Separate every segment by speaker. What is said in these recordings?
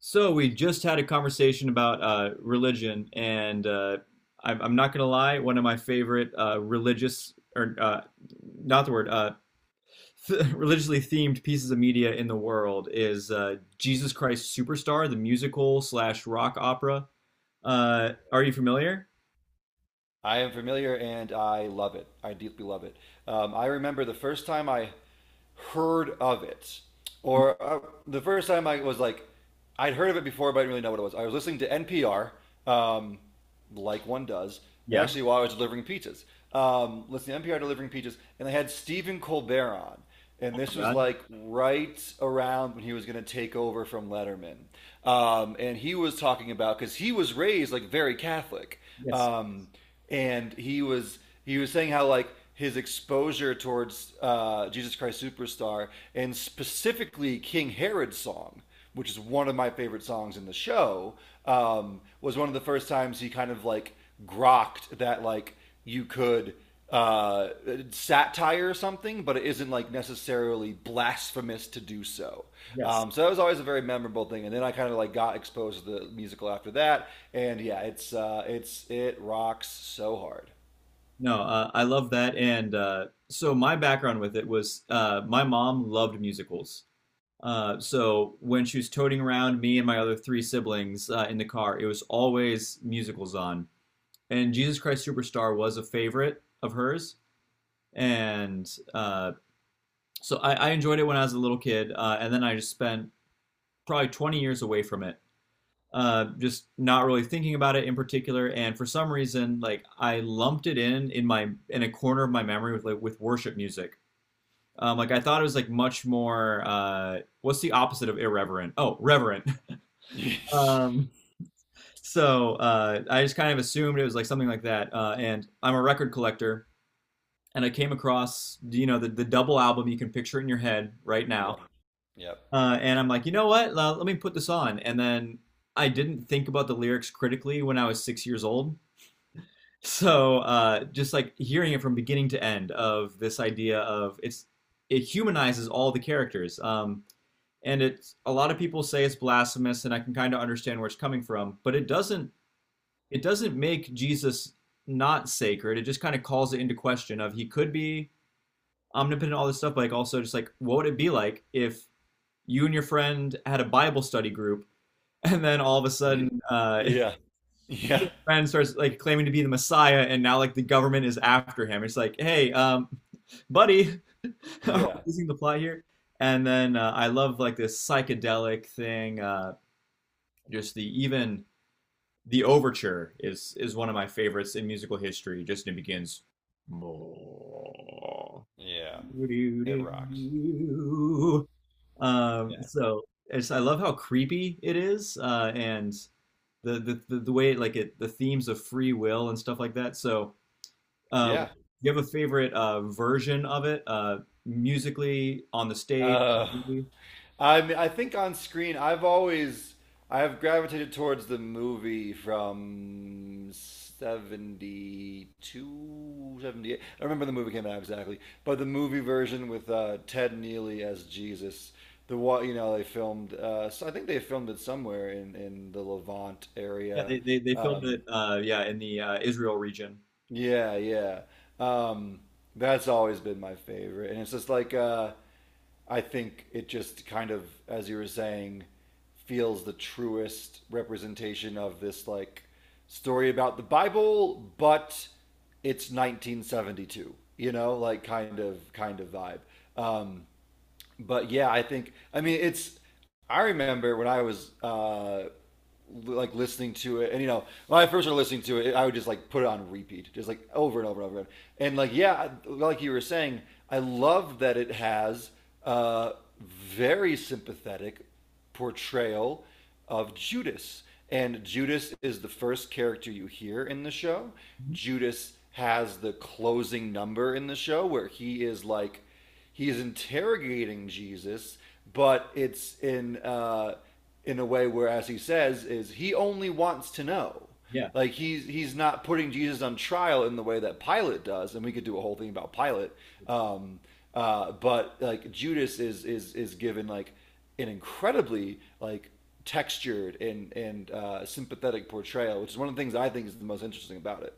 Speaker 1: So we just had a conversation about religion, and I'm not gonna lie, one of my favorite religious or not the word th religiously themed pieces of media in the world is Jesus Christ Superstar, the musical slash rock opera. Are you familiar?
Speaker 2: I am familiar and I love it. I deeply love it. I remember the first time I heard of it, or the first time I was like, I'd heard of it before, but I didn't really know what it was. I was listening to NPR, um, like one does,
Speaker 1: Yeah.
Speaker 2: actually, while I was delivering pizzas. Listening to NPR delivering pizzas, and they had Stephen Colbert on
Speaker 1: Oh
Speaker 2: and this
Speaker 1: my
Speaker 2: was
Speaker 1: God.
Speaker 2: like right around when he was going to take over from Letterman. And he was talking about because he was raised like very Catholic,
Speaker 1: Yes.
Speaker 2: um, and he was saying how like his exposure towards Jesus Christ Superstar and specifically King Herod's song, which is one of my favorite songs in the show, was one of the first times he kind of like grokked that like you could uh, satire or something, but it isn't like necessarily blasphemous to do so.
Speaker 1: Yes.
Speaker 2: So that was always a very memorable thing. And then I kind of like got exposed to the musical after that, and yeah, it's it rocks so hard.
Speaker 1: No, I love that. And so my background with it was my mom loved musicals. So when she was toting around me and my other three siblings in the car, it was always musicals on. And Jesus Christ Superstar was a favorite of hers. And so I enjoyed it when I was a little kid. And then I just spent probably 20 years away from it, just not really thinking about it in particular. And for some reason, like I lumped it in a corner of my memory with like with worship music. Like I thought it was like much more. What's the opposite of irreverent? Oh, reverent.
Speaker 2: Yep,
Speaker 1: Um, so I just kind of assumed it was like something like that. And I'm a record collector, and I came across the double album. You can picture it in your head right now.
Speaker 2: yep,
Speaker 1: And I'm like, you know what? Let me put this on. And then I didn't think about the lyrics critically when I was 6 years old. So just like hearing it from beginning to end of this idea of it humanizes all the characters. And it's a lot of people say it's blasphemous, and I can kind of understand where it's coming from, but it doesn't make Jesus not sacred. It just kind of calls it into question of he could be omnipotent, all this stuff, but like also just like what would it be like if you and your friend had a Bible study group and then all of a sudden
Speaker 2: yeah, yeah,
Speaker 1: your friend starts like claiming to be the Messiah and now like the government is after him. It's like, hey, buddy, are we
Speaker 2: yeah,
Speaker 1: losing the plot here? And then I love like this psychedelic thing, just the even the overture is one of my favorites in musical history. Just it begins.
Speaker 2: yeah. It rocks.
Speaker 1: Um,
Speaker 2: Yeah,
Speaker 1: so it's, I love how creepy it is, and the way it, like it the themes of free will and stuff like that. So, do
Speaker 2: yeah.
Speaker 1: you have a favorite version of it musically on the stage?
Speaker 2: Uh, I mean, I think on screen, I have gravitated towards the movie from 72, 78. I remember the movie came out exactly, but the movie version with Ted Neely as Jesus. The what you know they filmed. So I think they filmed it somewhere in the Levant
Speaker 1: Yeah,
Speaker 2: area.
Speaker 1: they filmed
Speaker 2: Um,
Speaker 1: it. Yeah, in the Israel region.
Speaker 2: yeah, yeah. Um, that's always been my favorite. And it's just like I think it just kind of, as you were saying, feels the truest representation of this like story about the Bible, but it's 1972, you know, like kind of vibe. Um, but yeah, I think I mean it's. I remember when I was like listening to it, and you know, when I first started listening to it, I would just like put it on repeat, just like over and over and over again. And like, yeah, like you were saying, I love that it has a very sympathetic portrayal of Judas, and Judas is the first character you hear in the show.
Speaker 1: Mhm.
Speaker 2: Judas has the closing number in the show where he is like he's interrogating Jesus, but it's in a way where, as he says, is he only wants to know.
Speaker 1: Yeah.
Speaker 2: Like he's not putting Jesus on trial in the way that Pilate does, and we could do a whole thing about Pilate. Um, but like Judas is given like an incredibly like textured and sympathetic portrayal, which is one of the things I think is the most interesting about it.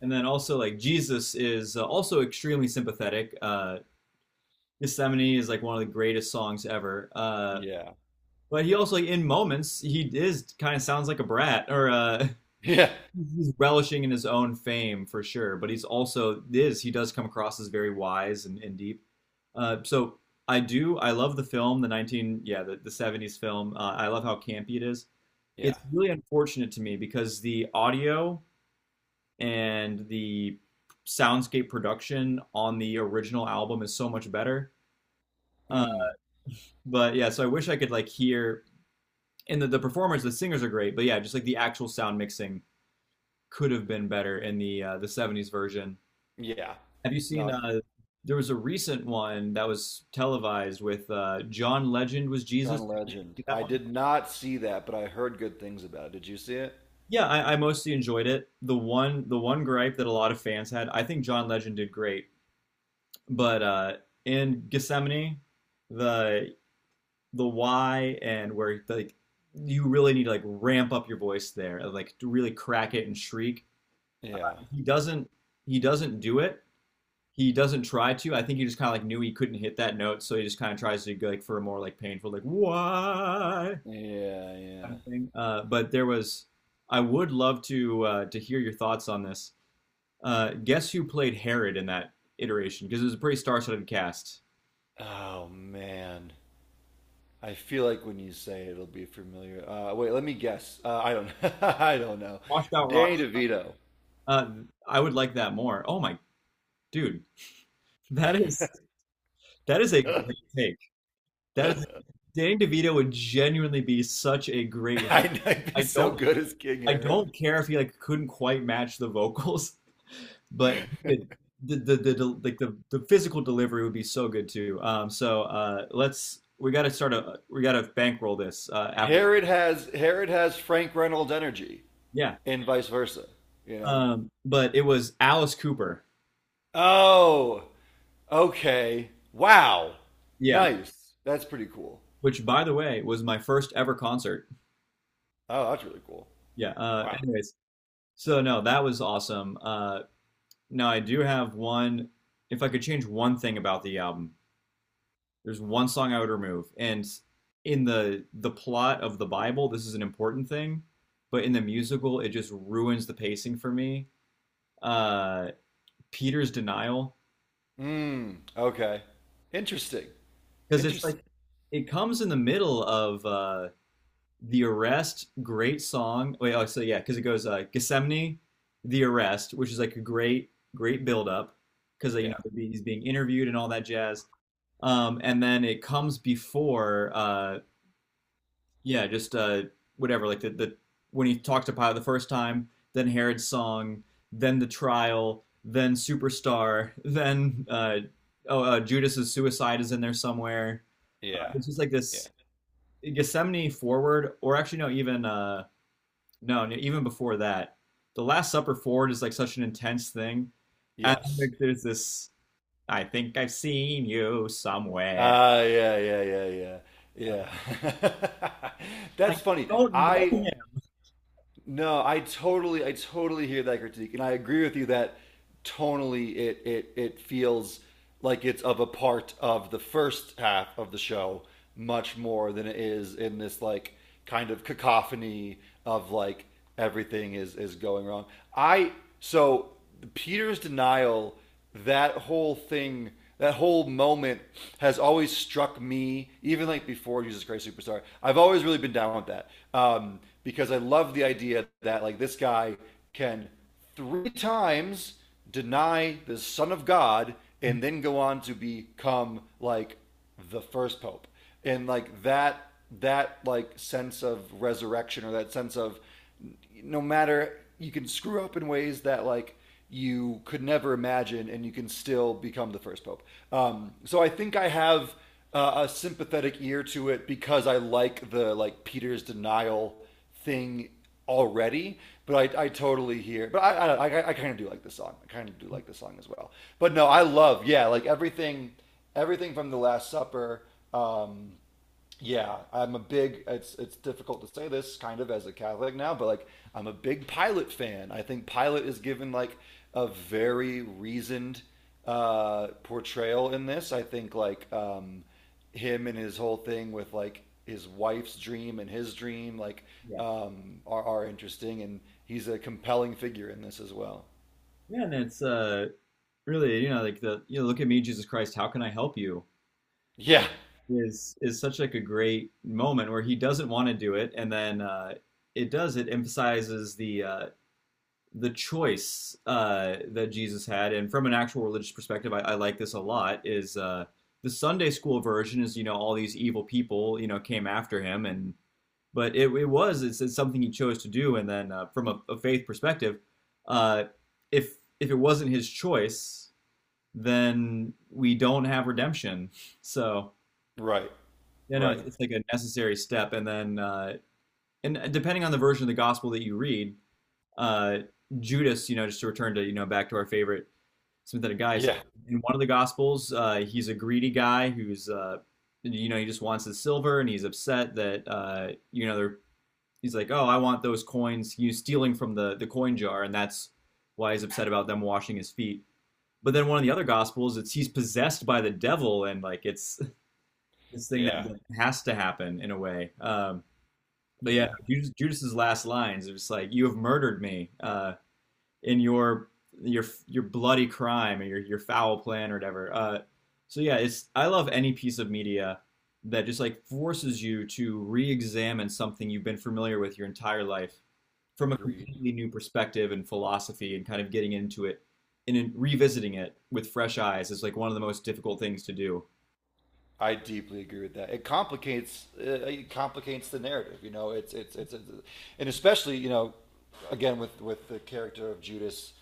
Speaker 1: And then also like Jesus is also extremely sympathetic. Gethsemane is like one of the greatest songs ever.
Speaker 2: Yeah.
Speaker 1: But he also like in moments he is kind of sounds like a brat or
Speaker 2: Yeah.
Speaker 1: he's relishing in his own fame for sure. But he's also is he does come across as very wise and deep. So I love the film the 19 yeah the '70s film. I love how campy it is.
Speaker 2: Yeah.
Speaker 1: It's really unfortunate to me because the audio and the soundscape production on the original album is so much better. Uh,
Speaker 2: Mm,
Speaker 1: but yeah, so I wish I could like hear and the performers, the singers are great, but yeah, just like the actual sound mixing could have been better in the '70s version.
Speaker 2: yeah.
Speaker 1: Have you seen?
Speaker 2: No,
Speaker 1: There was a recent one that was televised with John Legend was Jesus.
Speaker 2: John
Speaker 1: Did you
Speaker 2: Legend.
Speaker 1: see that
Speaker 2: I
Speaker 1: one?
Speaker 2: did not see that, but I heard good things about it. Did you see it?
Speaker 1: Yeah, I mostly enjoyed it. The one gripe that a lot of fans had, I think John Legend did great. But in Gethsemane, the the why and where like you really need to like ramp up your voice there, like to really crack it and shriek.
Speaker 2: Yeah.
Speaker 1: He doesn't he doesn't do it. He doesn't try to. I think he just kind of like knew he couldn't hit that note, so he just kind of tries to go like for a more like painful like why
Speaker 2: Yeah,
Speaker 1: kind
Speaker 2: yeah.
Speaker 1: of thing. But there was, I would love to hear your thoughts on this. Guess who played Herod in that iteration? Because it was a pretty star-studded cast.
Speaker 2: Oh man. I feel like when you say it, it'll be familiar. Wait, let me guess. I don't. I don't know.
Speaker 1: Washed out
Speaker 2: Danny DeVito.
Speaker 1: Uh, I would like that more. Oh my dude, that is that is a great take. That
Speaker 2: I-
Speaker 1: is Danny DeVito would genuinely be such a great.
Speaker 2: I'd be
Speaker 1: I
Speaker 2: so
Speaker 1: don't
Speaker 2: good as King
Speaker 1: I
Speaker 2: Herod.
Speaker 1: don't care if he like couldn't quite match the vocals, but it, the like the physical delivery would be so good too. So let's we got to start a we got to bankroll this after
Speaker 2: Herod has Frank Reynolds energy,
Speaker 1: yeah.
Speaker 2: and vice versa. You know.
Speaker 1: But it was Alice Cooper.
Speaker 2: Oh, okay. Wow.
Speaker 1: Yeah,
Speaker 2: Nice. That's pretty cool.
Speaker 1: which by the way was my first ever concert.
Speaker 2: Oh, that's really cool.
Speaker 1: Yeah.
Speaker 2: Wow.
Speaker 1: Anyways, so no, that was awesome. Now I do have one. If I could change one thing about the album, there's one song I would remove, and in the plot of the Bible, this is an important thing, but in the musical, it just ruins the pacing for me. Uh, Peter's denial,
Speaker 2: Mm, okay. Interesting.
Speaker 1: because it's
Speaker 2: Interesting.
Speaker 1: like it comes in the middle of The Arrest, great song. Wait, oh, so yeah, because it goes Gethsemane, The Arrest, which is like a great, great build up because
Speaker 2: Yeah.
Speaker 1: he's being interviewed and all that jazz. And then it comes before, yeah, just whatever, like the when he talked to Pilate the first time, then Herod's song, then the trial, then Superstar, then oh, Judas's suicide is in there somewhere.
Speaker 2: Yeah.
Speaker 1: It's just like
Speaker 2: Yeah.
Speaker 1: this Gethsemane forward, or actually no, even no, no, even before that, the Last Supper forward is like such an intense thing, and then
Speaker 2: Yes.
Speaker 1: there's this. I think I've seen you somewhere.
Speaker 2: Ah, yeah, yeah, yeah, yeah. Yeah.
Speaker 1: I
Speaker 2: That's funny.
Speaker 1: don't
Speaker 2: I
Speaker 1: know him.
Speaker 2: No, I totally hear that critique, and I agree with you that tonally it feels like it's of a part of the first half of the show much more than it is in this like kind of cacophony of like everything is going wrong. I so Peter's denial that whole thing, that whole moment has always struck me, even like before Jesus Christ Superstar. I've always really been down with that because I love the idea that like this guy can three times deny the Son of God and then go on to become like the first pope and like that that like sense of resurrection or that sense of no matter you can screw up in ways that like you could never imagine, and you can still become the first pope. So I think I have a sympathetic ear to it because I like the like Peter's denial thing already. But I totally hear. But I kind of do like this song. I kind of do like this song as well. But no, I love yeah, like everything, everything from the Last Supper. Um, yeah, I'm a big. It's difficult to say this kind of as a Catholic now, but like I'm a big Pilate fan. I think Pilate is given like a very reasoned portrayal in this. I think like him and his whole thing with like his wife's dream and his dream like
Speaker 1: Yeah,
Speaker 2: are interesting, and he's a compelling figure in this as well.
Speaker 1: yeah, and it's really like the look at me Jesus Christ, how can I help you?
Speaker 2: Yeah.
Speaker 1: Is such like a great moment where he doesn't want to do it, and then it does. It emphasizes the choice that Jesus had, and from an actual religious perspective, I like this a lot. Is the Sunday school version is all these evil people came after him, and but it's something he chose to do, and then from a faith perspective, uh, if it wasn't his choice, then we don't have redemption. So
Speaker 2: Right.
Speaker 1: it's,
Speaker 2: Right.
Speaker 1: it's like a necessary step, and then and depending on the version of the gospel that you read, uh, Judas, just to return to back to our favorite sympathetic guy. It's like
Speaker 2: Yeah.
Speaker 1: in one of the gospels, he's a greedy guy who's he just wants the silver and he's upset that he's like, oh, I want those coins. He's stealing from the coin jar, and that's why he's upset about them washing his feet. But then one of the other gospels, it's he's possessed by the devil, and like it's this thing that
Speaker 2: Yeah.
Speaker 1: has to happen in a way. But yeah,
Speaker 2: Yeah.
Speaker 1: Judas's last lines it's like, "You have murdered me." In your bloody crime or your foul plan or whatever. So yeah, it's I love any piece of media that just like forces you to re-examine something you've been familiar with your entire life from a
Speaker 2: Agreed.
Speaker 1: completely new perspective and philosophy and kind of getting into it and in revisiting it with fresh eyes is like one of the most difficult things to do.
Speaker 2: I deeply agree with that. It complicates the narrative. You know, it's and especially you know, again with the character of Judas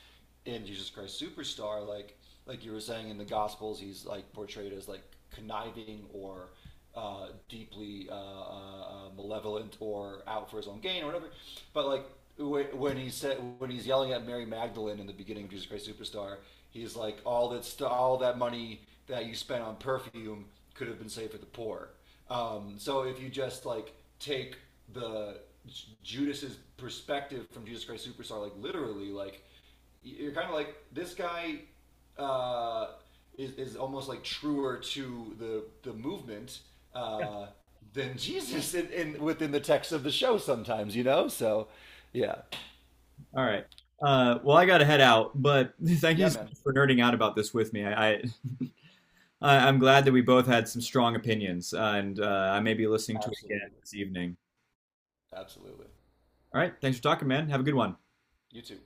Speaker 2: in Jesus Christ Superstar, like you were saying in the Gospels, he's like portrayed as like conniving or deeply malevolent or out for his own gain or whatever. But like when he's yelling at Mary Magdalene in the beginning of Jesus Christ Superstar, he's like, all that money that you spent on perfume could have been saved for the poor. So if you just like take the Judas's perspective from Jesus Christ Superstar, like literally, like you're kind of like this guy uh, is almost like truer to the movement uh, than Jesus in within the text of the show sometimes, you know. So, yeah,
Speaker 1: All right. Well, I got to head out, but thank you
Speaker 2: yeah,
Speaker 1: so
Speaker 2: man,
Speaker 1: much for nerding out about this with me. I'm glad that we both had some strong opinions, and I may be listening to it again
Speaker 2: absolutely,
Speaker 1: this evening.
Speaker 2: absolutely.
Speaker 1: All right, thanks for talking, man. Have a good one.
Speaker 2: You too.